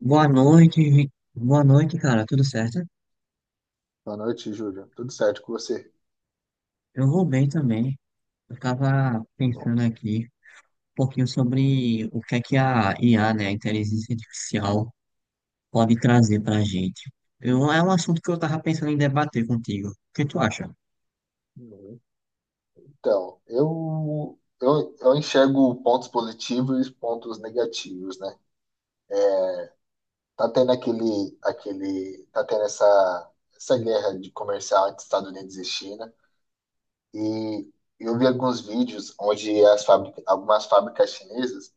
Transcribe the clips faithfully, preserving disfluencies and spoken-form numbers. Boa noite, Vi- boa noite, cara. Tudo certo? Boa noite, Júlio. Tudo certo com você? Eu vou bem também. Eu tava Bom. pensando aqui um pouquinho sobre o que é que a I A, né, a né, inteligência artificial, pode trazer pra gente. Eu, é um assunto que eu tava pensando em debater contigo. O que tu acha? Uhum. Então, eu, eu, eu enxergo pontos positivos e pontos negativos, né? Tá tendo aquele, aquele, tá tendo essa, essa guerra de comercial entre Estados Unidos e China. E eu vi alguns vídeos onde as fábrica, algumas fábricas chinesas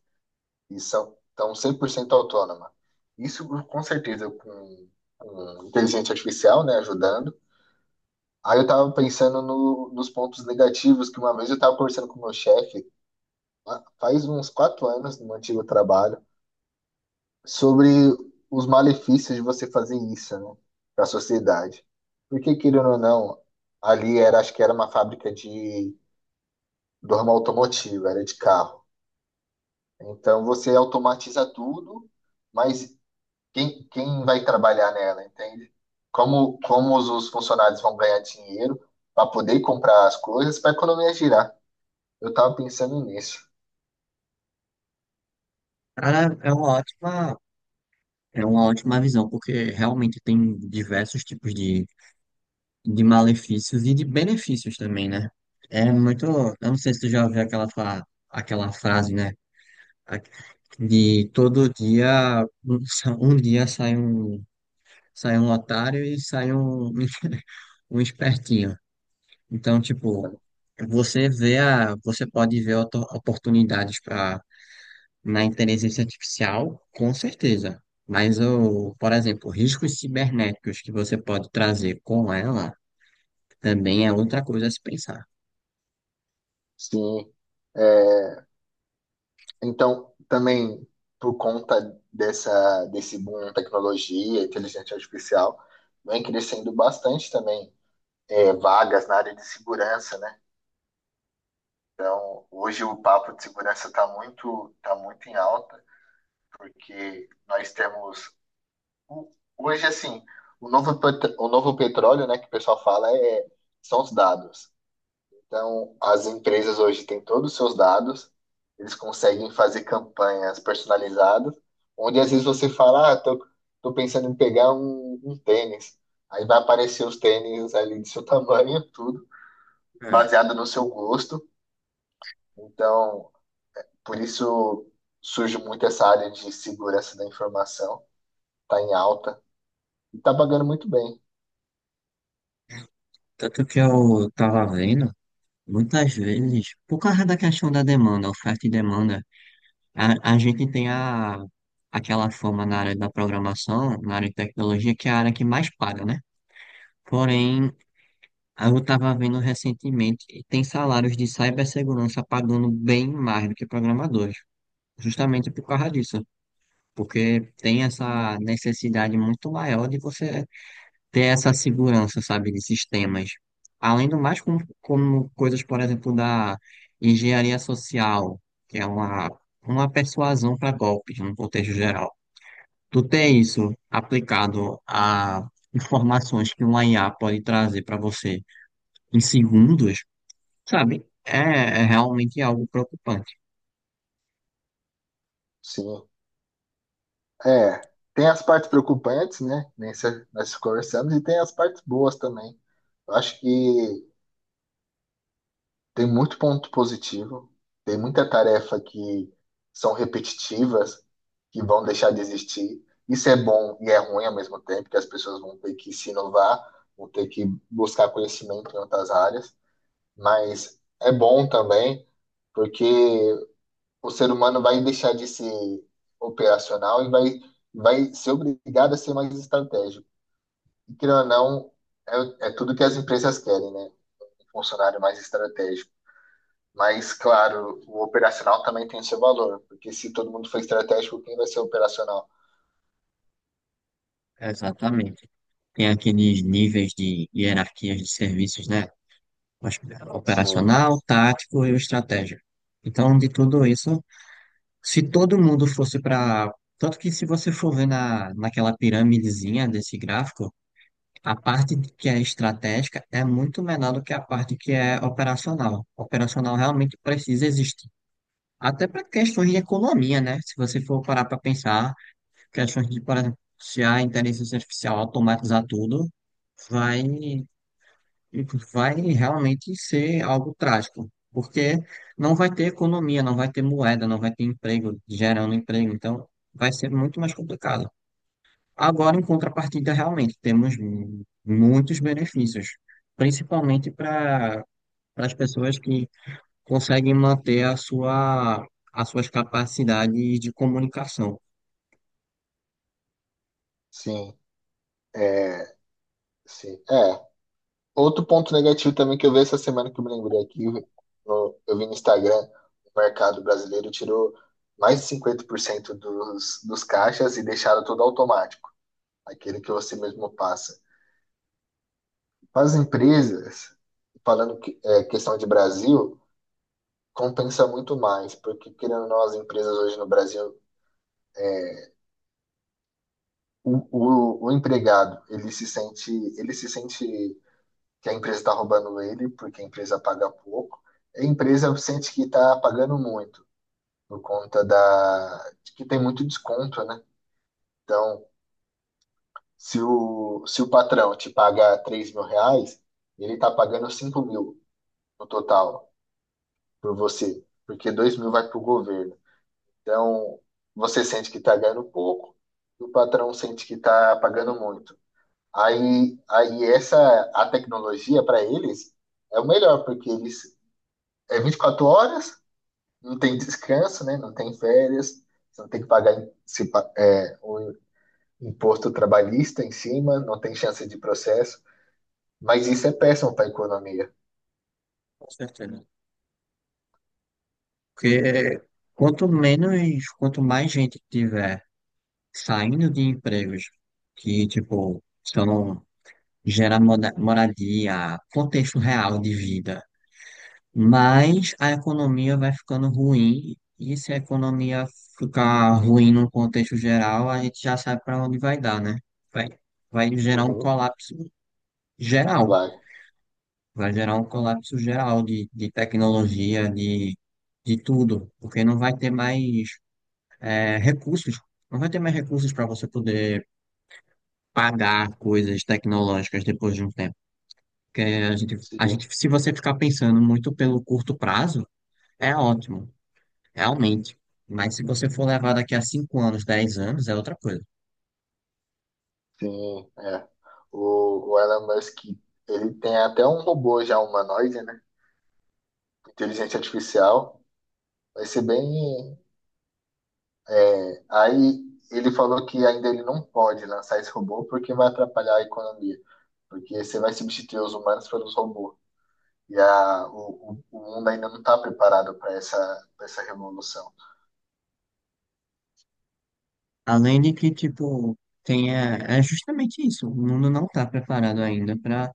e são, estão cem por cento autônomas. Isso, com certeza, com, com inteligência artificial, né, ajudando. Aí eu tava pensando no- nos pontos negativos, que uma vez eu tava conversando com o meu chefe, ah, faz uns quatro anos no meu antigo trabalho, sobre os malefícios de você fazer isso, né, para a sociedade. Porque, querendo ou não, ali era, acho que era uma fábrica de dorma automotiva, era de carro. Então você automatiza tudo, mas quem, quem vai trabalhar nela, entende? Como, como os os funcionários vão ganhar dinheiro para poder comprar as coisas, para a economia girar. Eu estava pensando nisso, Cara, é uma ótima, é uma ótima visão, porque realmente tem diversos tipos de, de malefícios e de benefícios também, né? É muito. Eu não sei se tu já ouviu aquela, fa- aquela frase, né? Aqui- De todo dia, um, sa- um dia sai um, sai um otário e sai um, um espertinho. Então, né? tipo, você vê a, você pode ver oto- oportunidades para na inteligência artificial, com certeza. Mas o, por exemplo, riscos cibernéticos que você pode trazer com ela também é outra coisa a se pensar. Sim. É, então, também por conta dessa, desse boom em tecnologia, inteligência artificial, vem crescendo bastante também é, vagas na área de segurança, né? Então, hoje o papo de segurança está muito, tá muito em alta, porque nós temos, o- hoje assim, o novo, pet- o novo petróleo, né, que o pessoal fala, é, são os dados. Então, as empresas hoje têm todos os seus dados, eles conseguem fazer campanhas personalizadas, onde às vezes você fala, ah, tô, tô pensando em pegar um, um tênis. Aí vai aparecer os tênis ali do seu tamanho, tudo, É. baseado no seu gosto. Então, por isso surge muito essa área de segurança da informação, tá em alta e tá pagando muito bem. Tanto que eu tava vendo, muitas vezes, por causa da questão da demanda, oferta e demanda, A, a gente tem a, aquela fama na área da programação, na área de tecnologia, que é a área que mais paga, né? Porém, eu estava vendo recentemente que tem salários de cibersegurança pagando bem mais do que programadores, justamente por causa disso, porque tem essa necessidade muito maior de você ter essa segurança, sabe, de sistemas. Além do mais, como, como coisas, por exemplo, da engenharia social, que é uma, uma persuasão para golpes, num contexto geral. Tu tem isso aplicado a informações que uma I A pode trazer para você em segundos, sabe? É, é realmente algo preocupante. Sim. É, tem as partes preocupantes, né? Nem se- nós conversamos, e tem as partes boas também. Eu acho que tem muito ponto positivo, tem muita tarefa que são repetitivas, que vão deixar de existir. Isso é bom e é ruim ao mesmo tempo, que as pessoas vão ter que se inovar, vão ter que buscar conhecimento em outras áreas, mas é bom também, porque o ser humano vai deixar de ser operacional e vai, vai ser obrigado a ser mais estratégico. E querendo ou não, é, é tudo que as empresas querem, né? Um funcionário mais estratégico. Mas, claro, o operacional também tem seu valor, porque se todo mundo for estratégico, quem vai ser operacional? Exatamente. Tem aqueles níveis de hierarquias de serviços, né? Mas, Sim, operacional, tático e o estratégico. Então, de tudo isso, se todo mundo fosse para. Tanto que se você for ver na, naquela pirâmidezinha desse gráfico, a parte de- que é estratégica é muito menor do que a parte que é operacional. Operacional realmente precisa existir. Até para questões de economia, né? Se você for parar para pensar, questões de, por exemplo, se a inteligência artificial automatizar tudo, vai, vai realmente ser algo trágico. Porque não vai ter economia, não vai ter moeda, não vai ter emprego, gerando emprego. Então, vai ser muito mais complicado. Agora, em contrapartida, realmente temos mu- muitos benefícios, principalmente para as pessoas que conseguem manter a sua, as suas capacidades de comunicação. sim, é, sim, é. Outro ponto negativo também que eu vi essa semana que eu me lembrei aqui, no- eu vi no Instagram, o mercado brasileiro tirou mais de cinquenta por cento dos, dos caixas e deixaram tudo automático, aquele que você mesmo passa. As empresas, falando que, é, questão de Brasil, compensa muito mais, porque querendo ou não, as empresas hoje no Brasil, o, o, o empregado, ele se sente, ele se sente que a empresa está roubando ele, porque a empresa paga pouco, a empresa sente que está pagando muito, por conta da, de que tem muito desconto, né? Então, se o, se o patrão te paga três mil reais, ele está pagando cinco mil no total por você, porque dois mil vai para o governo. Então, você sente que está ganhando pouco e o patrão sente que está pagando muito. Aí, aí essa a tecnologia para eles é o melhor, porque eles é vinte e quatro horas, não tem descanso, né? Não tem férias, você não tem que pagar se pa- é, o imposto trabalhista em cima, não tem chance de processo. Mas isso é péssimo para a economia. Com certeza. Porque quanto menos, quanto mais gente tiver saindo de empregos que, tipo, só não gera moda- moradia, contexto real de vida, mas a economia vai ficando ruim, e se a economia ficar ruim num contexto geral, a gente já sabe para onde vai dar, né? Vai, vai gerar um Uhum. colapso geral, Vai, vai gerar um colapso geral de, de tecnologia, de, de tudo, porque não vai ter mais é, recursos, não vai ter mais recursos para você poder pagar coisas tecnológicas depois de um tempo. Porque a gente, a sim, gente, se você ficar pensando muito pelo curto prazo, é ótimo. Realmente. Mas se você for levar daqui a cinco anos, dez anos, é outra coisa. sim, é. O, o Elon Musk, ele tem até um robô já humanoide, né? Inteligência artificial. Vai ser bem. Aí ele falou que ainda ele não pode lançar esse robô porque vai atrapalhar a economia, porque você vai substituir os humanos pelos robôs. E a, o, o mundo ainda não está preparado para essa, pra essa revolução. Além de que, tipo, tem, é, é justamente isso. O mundo não está preparado ainda para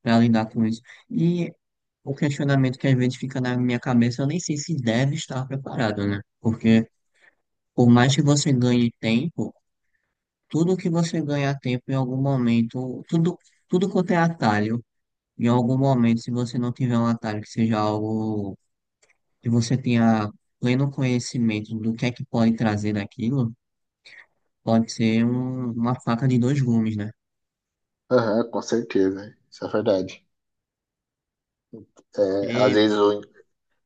para lidar com isso. E o questionamento que às vezes fica na minha cabeça, eu nem sei se deve estar preparado, né? Porque por mais que você ganhe tempo, tudo que você ganhar tempo em algum momento, tudo, tudo quanto é atalho, em algum momento, se você não tiver um atalho que seja algo que você tenha pleno conhecimento do que é que pode trazer daquilo, pode ser um- uma faca de dois gumes, né? Aham, com certeza. Isso é verdade. É, às E- vezes o-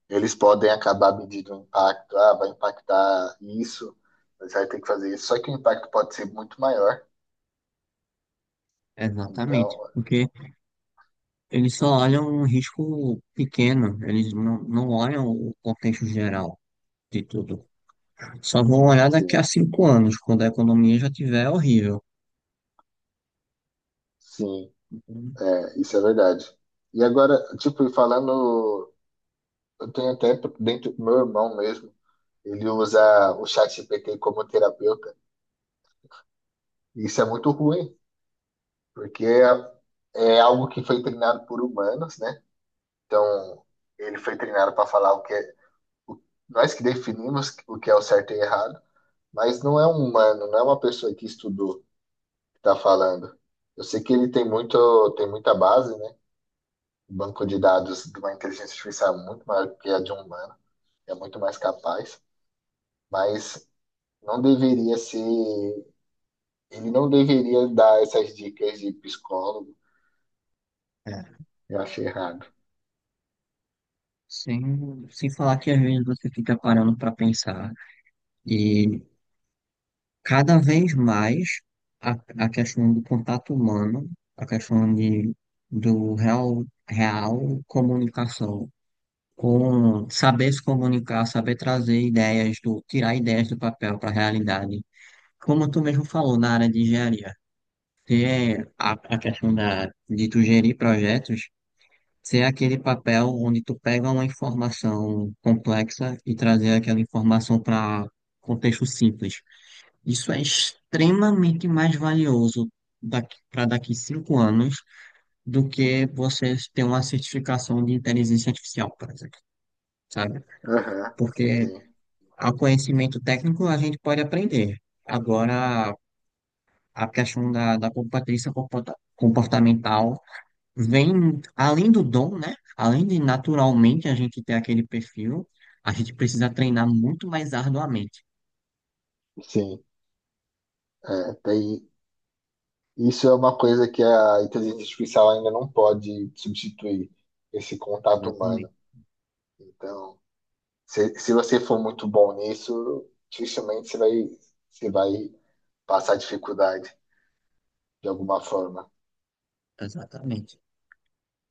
eles podem acabar medindo o impacto. Ah, vai impactar isso, você vai ter que fazer isso. Só que o impacto pode ser muito maior. exatamente. Então, Porque eles só olham um risco pequeno, eles não, não olham o contexto geral de tudo. Só vão olhar daqui sim, a cinco anos, quando a economia já tiver horrível. sim. É, isso é verdade. E agora, tipo, falando, eu tenho até dentro do meu irmão mesmo, ele usa o chat G P T como terapeuta. E isso é muito ruim, porque é, é algo que foi treinado por humanos, né? Então, ele foi treinado para falar o que é, o- nós que definimos o que é o certo e errado, mas não é um humano, não é uma pessoa que estudou que está falando. Eu sei que ele tem muito, tem muita base, né? O banco de dados de uma inteligência artificial é muito maior que a de um humano. É muito mais capaz, mas não deveria ser, ele não deveria dar essas dicas de psicólogo. É, Eu achei errado. sem, sem falar que às vezes você fica parando para pensar. E cada vez mais a, a questão do contato humano, a questão de, do real, real comunicação, com saber se comunicar, saber trazer ideias, do, tirar ideias do papel para a realidade. Como tu mesmo falou na área de engenharia, ter a, a questão da, de tu gerir projetos, ser aquele papel onde tu pega uma informação complexa e trazer aquela informação para contexto simples, isso é extremamente mais valioso para daqui cinco anos do que você ter uma certificação de inteligência artificial, por exemplo, sabe? Aham, Porque sim, o conhecimento técnico a gente pode aprender. Agora, a questão da, da competência comporta- comportamental vem além do dom, né? Além de naturalmente a gente ter aquele perfil, a gente precisa treinar muito mais arduamente. sim. É, tem, isso é uma coisa que a inteligência artificial ainda não pode substituir, esse contato Exatamente. humano. Então, se, se você for muito bom nisso, dificilmente você vai, você vai passar dificuldade de alguma forma. Exatamente.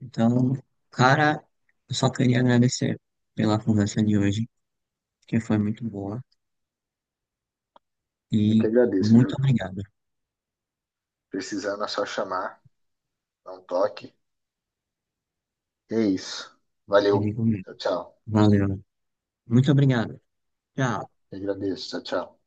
Então, cara, eu só queria agradecer pela conversa de hoje, que foi muito boa. Eu que E agradeço, viu? muito obrigado. Precisando é só chamar, dá um toque. É isso. Eu Valeu. digo mesmo. Tchau, tchau. Valeu. Muito obrigado. Tchau. Eu agradeço. Tchau, tchau.